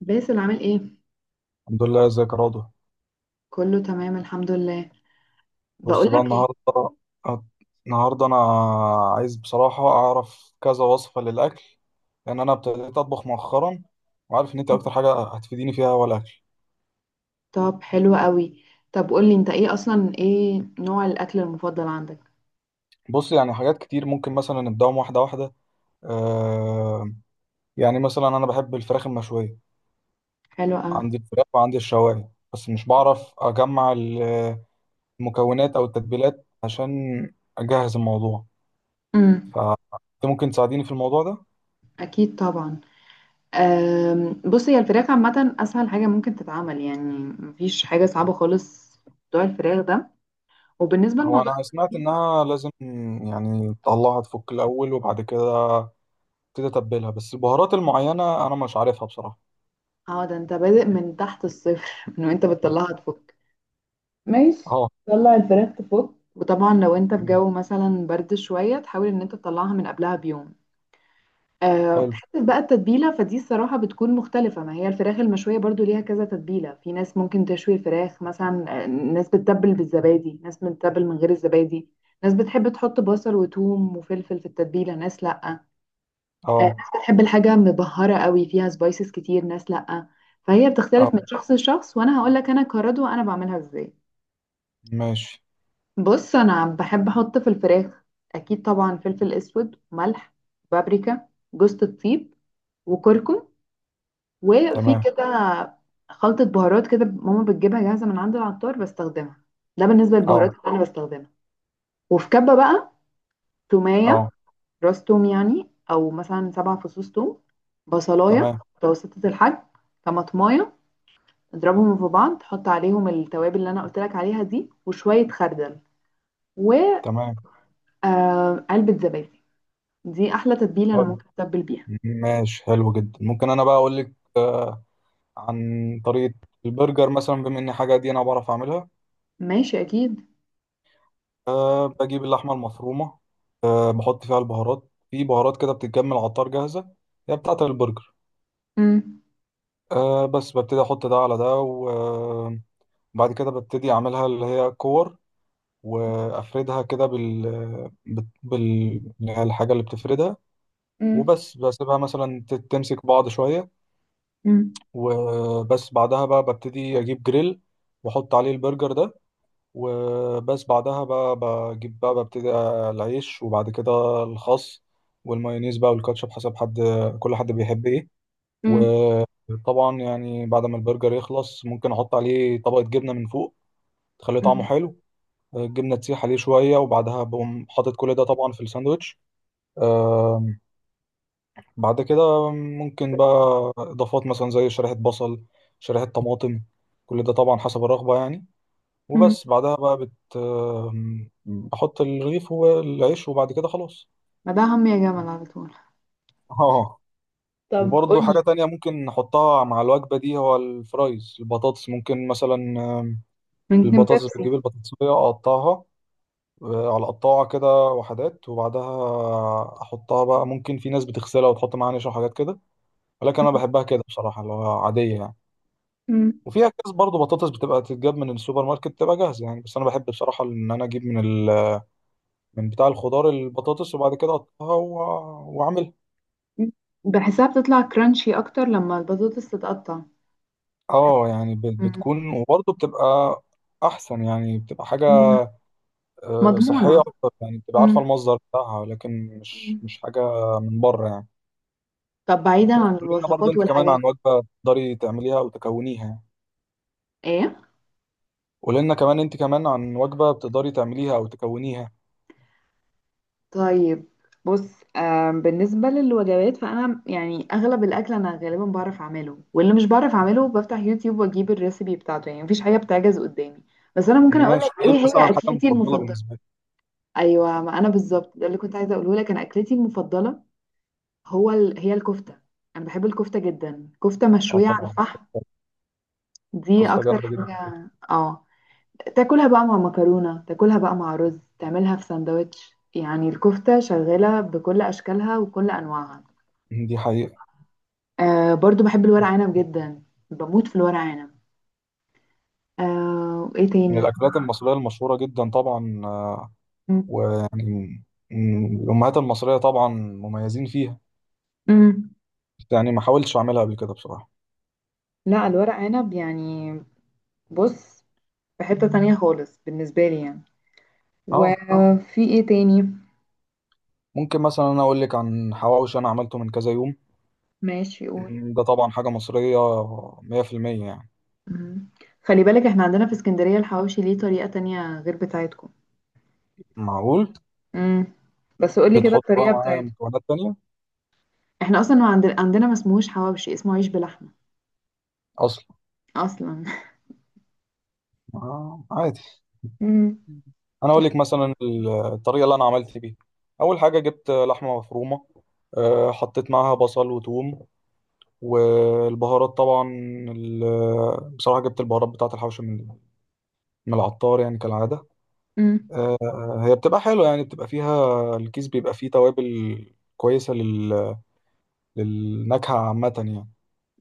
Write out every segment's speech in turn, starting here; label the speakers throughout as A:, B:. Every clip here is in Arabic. A: باسل عامل ايه؟
B: الحمد لله، ازيك يا راضي؟
A: كله تمام الحمد لله.
B: بص بقى،
A: بقولك ايه؟
B: النهارده أت- انا عايز بصراحه اعرف كذا وصفه للاكل. لان انا ابتديت اطبخ مؤخرا، وعارف ان انت اكتر حاجه هتفيديني فيها هو الاكل.
A: طب حلو قوي. طب قولي انت ايه اصلا، ايه نوع الاكل المفضل عندك؟
B: بص، يعني حاجات كتير ممكن مثلا نبداهم واحده واحده. آه يعني مثلا انا بحب الفراخ المشويه.
A: حلو قوي.
B: عندي الفراخ وعندي الشوايه، بس مش بعرف اجمع المكونات او التتبيلات عشان اجهز الموضوع.
A: امم.
B: فانت ممكن تساعديني في الموضوع ده؟
A: اكيد طبعا. بص، هي الفراخ عامه اسهل حاجه ممكن تتعمل يعني. مفيش حاجه صعبه خالص في موضوع الفراخ ده. وبالنسبه
B: هو انا
A: لموضوع
B: سمعت
A: التتبيله،
B: انها لازم، يعني تطلعها تفك الاول وبعد كده تبتدي تتبلها، بس البهارات المعينه انا مش عارفها بصراحه.
A: اه ده انت بادئ من تحت الصفر من وانت بتطلعها
B: اه.
A: تفك. ماشي.
B: آه،.
A: طلع الفراخ تفك، وطبعا لو انت في
B: تمام.
A: جو مثلا برد شويه، تحاول ان انت تطلعها من قبلها بيوم.
B: حلو.
A: حتة بقى التتبيلة، فدي الصراحة بتكون مختلفة، ما هي الفراخ المشوية برضو ليها كذا تتبيلة. في ناس ممكن تشوي الفراخ مثلا، ناس بتتبل بالزبادي، ناس بتتبل من غير الزبادي. ناس بتحب تحط بصل وثوم وفلفل في التتبيلة، ناس لأ. ناس
B: اه.
A: بتحب الحاجة مبهرة قوي فيها سبايسز كتير، ناس لأ. فهي
B: اه.
A: بتختلف من شخص لشخص، وأنا هقولك أنا كردوة أنا بعملها إزاي.
B: ماشي.
A: بص، أنا بحب أحط في الفراخ أكيد طبعا فلفل أسود، ملح، بابريكا، جوز الطيب، وكركم. وفي
B: تمام.
A: كده خلطة بهارات كده ماما بتجيبها جاهزة من عند العطار بستخدمها. ده بالنسبة للبهارات
B: اه.
A: اللي أنا بستخدمها. وفي كبة بقى، تومية،
B: اه.
A: راس توم يعني أو مثلا سبع فصوص توم، بصلاية
B: تمام.
A: متوسطة الحجم، طماطماية. اضربهم في بعض، حط عليهم التوابل اللي أنا قلت لك عليها دي وشوية خردل وعلبة
B: تمام.
A: زبادي. دي أحلى تتبيلة أنا
B: طيب.
A: ممكن أتبل بيها.
B: ماشي. حلو جدا. ممكن انا بقى اقول لك عن طريقه البرجر مثلا، بما ان حاجه دي انا بعرف اعملها.
A: ماشي أكيد.
B: أه، بجيب اللحمه المفرومه. أه، بحط فيها البهارات، في بهارات كده بتتجمع على العطار جاهزه هي بتاعه البرجر.
A: مم.
B: أه، بس ببتدي احط ده على ده، وبعد كده ببتدي اعملها اللي هي كور، وافردها كده اللي هي الحاجه اللي بتفردها.
A: مم.
B: وبس بسيبها مثلا تمسك بعض شويه.
A: مم.
B: وبس بعدها بقى ببتدي اجيب جريل، واحط عليه البرجر ده. وبس بعدها بقى بجيب بقى ببتدي العيش وبعد كده الخس، والمايونيز بقى والكاتشب حسب حد، كل حد بيحب ايه.
A: مم.
B: طبعا يعني بعد ما البرجر يخلص، ممكن احط عليه طبقة جبنة من فوق تخليه طعمه حلو. الجبنة تسيح عليه شوية، وبعدها بقوم حاطط كل ده طبعا في الساندوتش. آم، بعد كده ممكن بقى إضافات، مثلا زي شريحة بصل، شريحة طماطم، كل ده طبعا حسب الرغبة يعني.
A: مم.
B: وبس بعدها بقى بت آم، بحط الرغيف والعيش، وبعد كده خلاص.
A: ما ده هم يا جمل على طول.
B: اه.
A: طب
B: وبرضه
A: قولي.
B: حاجة تانية ممكن نحطها مع الوجبة دي هو الفرايز، البطاطس ممكن مثلا.
A: ممكن
B: البطاطس،
A: بيبسي.
B: بتجيب البطاطساية أقطعها على قطاعة كده وحدات، وبعدها أحطها بقى. ممكن في ناس بتغسلها وتحط معاها نشا وحاجات كده، ولكن أنا بحبها كده بصراحة، اللي هو عادية يعني.
A: مم.
B: وفيها كيس برضه بطاطس بتبقى تتجاب من السوبر ماركت بتبقى جاهزة يعني، بس أنا بحب بصراحة إن أنا أجيب من ال... من بتاع الخضار البطاطس، وبعد كده أقطعها وأعملها.
A: مم. بحسها بتطلع كرانشي اكتر لما البطاطس تتقطع. بحس-
B: أه يعني
A: مم.
B: بتكون، وبرضه بتبقى أحسن يعني، بتبقى حاجة
A: مم.
B: صحية
A: مضمونة.
B: أكتر يعني، بتبقى عارفة
A: مم.
B: المصدر بتاعها، لكن مش
A: مم.
B: مش حاجة من بره يعني.
A: طب بعيدا
B: بس
A: عن
B: قولي لنا برضه
A: الوصفات
B: انت كمان
A: والحاجات دي.
B: عن وجبه تقدري تعمليها او تكونيها.
A: ايه؟
B: قولي لنا كمان انت كمان عن وجبه بتقدري تعمليها او تكونيها.
A: طيب، بص، بالنسبة للوجبات فأنا يعني أغلب الأكل أنا غالبا بعرف أعمله، واللي مش بعرف أعمله بفتح يوتيوب وأجيب الريسبي بتاعته، يعني مفيش حاجة بتعجز قدامي. بس أنا ممكن أقولك
B: ماشي.
A: إيه
B: ايه
A: هي
B: مثلا الحاجه
A: أكلتي
B: المفضله
A: المفضلة.
B: بالنسبه لك؟
A: أيوة، ما أنا بالظبط ده اللي كنت عايزة أقوله لك. أنا أكلتي المفضلة هي الكفتة. أنا بحب الكفتة جدا، كفتة
B: اه
A: مشوية على
B: طبعا.
A: الفحم. دي
B: كفته
A: أكتر
B: جامده جدا.
A: حاجة. اه، تاكلها بقى مع مكرونة، تاكلها بقى مع رز، تعملها في سندوتش، يعني الكفتة شغالة بكل أشكالها وكل أنواعها.
B: دي حقيقه.
A: آه برضو بحب الورق عنب جدا، بموت في الورق عنب. آه، إيه
B: من
A: تاني؟
B: الاكلات المصريه المشهوره جدا طبعا، ويعني الامهات المصريه طبعا مميزين فيها.
A: امم.
B: بس يعني ما حاولتش اعملها قبل كده بصراحه.
A: لا، الورق عنب يعني بص، في حتة تانية خالص بالنسبة لي يعني.
B: اه.
A: وفي إيه تاني؟
B: ممكن مثلا انا اقول لك عن حواوشي، انا عملته من كذا يوم.
A: ماشي قول.
B: ده طبعا حاجه مصريه 100%، يعني.
A: مم. خلي بالك احنا عندنا في اسكندرية الحواوشي ليه طريقة تانية غير بتاعتكم.
B: معقول.
A: امم. بس قولي كده
B: بتحط بقى
A: الطريقة
B: معاه
A: بتاعتكم.
B: مكونات تانية؟
A: احنا اصلا ما عندنا ما اسمهوش حواوشي، اسمه عيش بلحمة
B: اصلا؟
A: اصلا
B: آه، عادي.
A: امم.
B: انا اقول لك مثلا الطريقه اللي انا عملت بيها. اول حاجه، جبت لحمه مفرومه. حطيت معاها بصل وثوم، والبهارات طبعا. بصراحه جبت البهارات بتاعه الحوشه من العطار يعني كالعاده.
A: امم.
B: هي بتبقى حلوه يعني، بتبقى فيها الكيس بيبقى فيه توابل كويسه للنكهه عامه يعني.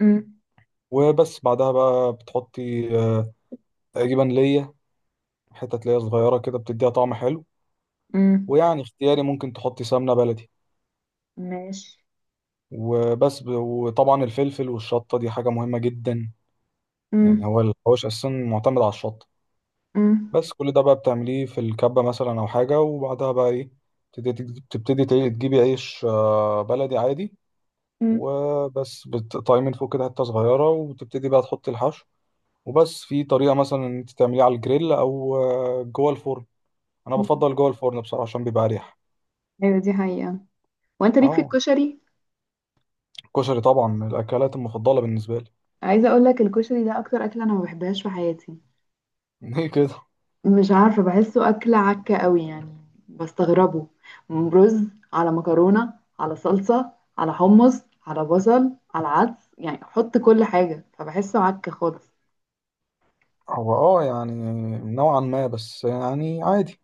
A: امم.
B: وبس بعدها بقى بتحطي تقريبا ليا، حتة ليا صغيرة كده بتديها طعم حلو.
A: امم.
B: ويعني اختياري ممكن تحطي سمنة بلدي.
A: ماشي.
B: وبس وطبعا الفلفل والشطة دي حاجة مهمة جدا. يعني
A: امم.
B: هو الحواوش أساسا معتمد على الشطة.
A: امم.
B: بس كل ده بقى بتعمليه في الكبة مثلا أو حاجة، وبعدها بقى إيه، تبتدي تجيبي عيش بلدي عادي.
A: امم.
B: وبس بتقطعيه من فوق كده حتة صغيرة، وتبتدي بقى تحطي الحشو. وبس في طريقة مثلا إن أنت تعمليه على الجريل أو جوه الفرن. أنا بفضل جوه الفرن بصراحة عشان بيبقى أريح.
A: ايوه دي حقيقة. وانت ليك في
B: أه.
A: الكشري.
B: الكشري طبعا من الأكلات المفضلة بالنسبة لي.
A: عايزة اقول لك الكشري ده اكتر اكلة انا ما بحبهاش في حياتي.
B: ليه كده؟
A: مش عارفة، بحسه أكلة عكة قوي يعني. بستغربه. رز على مكرونة على صلصة على حمص على بصل على عدس، يعني حط كل حاجة، فبحسه عكة خالص.
B: هو اه يعني نوعا ما، بس يعني عادي.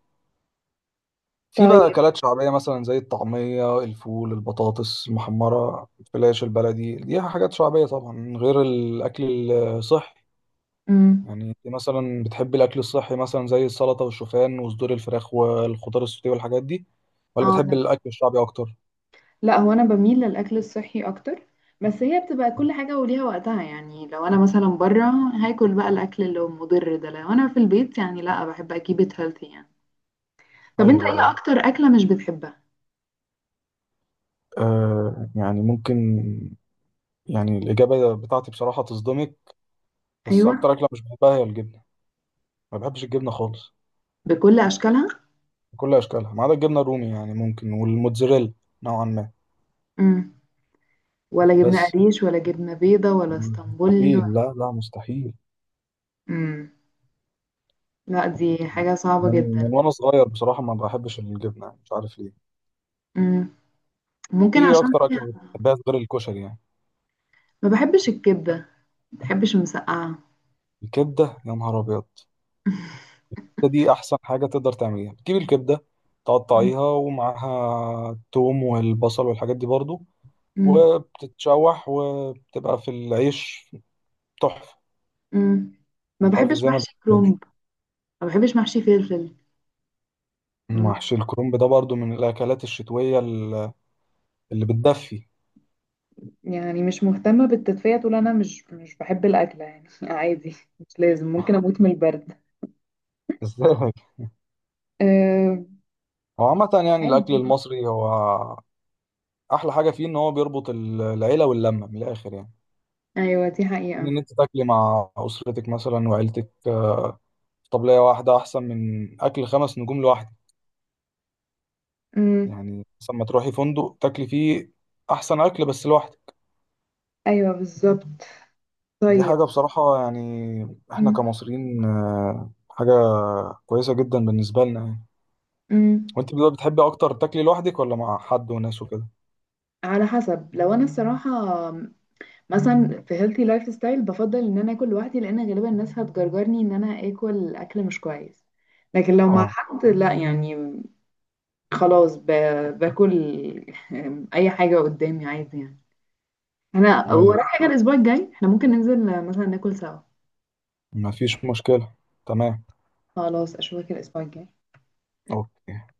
B: في بقى
A: طيب.
B: اكلات شعبيه مثلا زي الطعميه، الفول، البطاطس المحمره، الفلاش البلدي، دي حاجات شعبيه طبعا من غير الاكل الصحي.
A: امم.
B: يعني انت مثلا بتحبي الاكل الصحي، مثلا زي السلطه والشوفان وصدور الفراخ والخضار السوتيه والحاجات دي، ولا
A: اه
B: بتحبي
A: انا،
B: الاكل الشعبي اكتر؟
A: لا هو انا بميل للاكل الصحي اكتر. بس هي بتبقى كل حاجة وليها وقتها، يعني لو انا مثلا بره هاكل بقى الاكل اللي هو مضر ده. لو انا في البيت يعني لا، بحب اكيب ات هيلثي يعني. طب
B: ايوه.
A: انت ايه
B: أيوة.
A: اكتر اكلة مش بتحبها؟
B: يعني ممكن، يعني الاجابه بتاعتي بصراحه تصدمك، بس
A: ايوه.
B: اكتر اكله مش بحبها هي الجبنه. ما بحبش الجبنه خالص.
A: بكل اشكالها.
B: كل اشكالها، ما عدا الجبنه الرومي يعني ممكن، والموتزاريلا نوعا ما.
A: ولا جبنة
B: بس
A: قريش ولا جبنة بيضة ولا اسطنبولي ولا...
B: مستحيل، لا لا مستحيل.
A: مم. لا دي حاجة صعبة
B: من
A: جدا.
B: وانا صغير بصراحه ما بحبش الجبنه، يعني مش عارف ليه.
A: مم.
B: انت
A: ممكن
B: ايه
A: عشان
B: اكتر
A: فيها.
B: اكله بتحبها غير الكشري يعني؟
A: ما بحبش الكبدة. ما بحبش المسقعة.
B: الكبده يا نهار ابيض! دي احسن حاجه تقدر تعمليها. بتجيب الكبده
A: مم.
B: تقطعيها ومعاها الثوم والبصل والحاجات دي برضو،
A: مم.
B: وبتتشوح وبتبقى في العيش تحفه.
A: مم. ما
B: مش عارف
A: بحبش
B: ازاي ما
A: محشي
B: بتحبهاش.
A: كرنب. ما بحبش محشي فلفل. مم.
B: محشي الكرنب ده برضو من الاكلات الشتويه اللي بتدفي.
A: يعني مش مهتمة بالتدفئة تقول أنا مش بحب الأكلة يعني عادي، مش لازم، ممكن أموت من البرد.
B: ازاي؟
A: أه...
B: هو عامة يعني الأكل
A: عادي.
B: المصري، هو أحلى حاجة فيه إن هو بيربط العيلة واللمة من الآخر يعني.
A: أيوة دي
B: يعني
A: حقيقة.
B: إن أنت تاكلي مع أسرتك مثلا وعيلتك في طبلية واحدة أحسن من أكل خمس نجوم لوحدك.
A: مم.
B: يعني مثلا ما تروحي فندق تاكلي فيه أحسن أكل بس لوحدك.
A: أيوة بالظبط.
B: دي
A: طيب.
B: حاجة بصراحة يعني، إحنا
A: مم.
B: كمصريين حاجة كويسة جدا بالنسبة لنا يعني.
A: مم.
B: وأنت بقى بتحبي أكتر تاكلي لوحدك ولا مع حد وناس وكده؟
A: على حسب، لو انا الصراحه مثلا في healthy لايف ستايل بفضل ان انا اكل لوحدي، لان غالبا الناس هتجرجرني ان انا اكل اكل مش كويس. لكن لو مع
B: أه.
A: حد لا يعني خلاص باكل اي حاجه قدامي عادي يعني. انا
B: أيوه.
A: ورايا حاجه الاسبوع الجاي احنا ممكن ننزل مثلا ناكل سوا.
B: مفيش مشكلة. تمام.
A: خلاص اشوفك الاسبوع الجاي.
B: اوكي.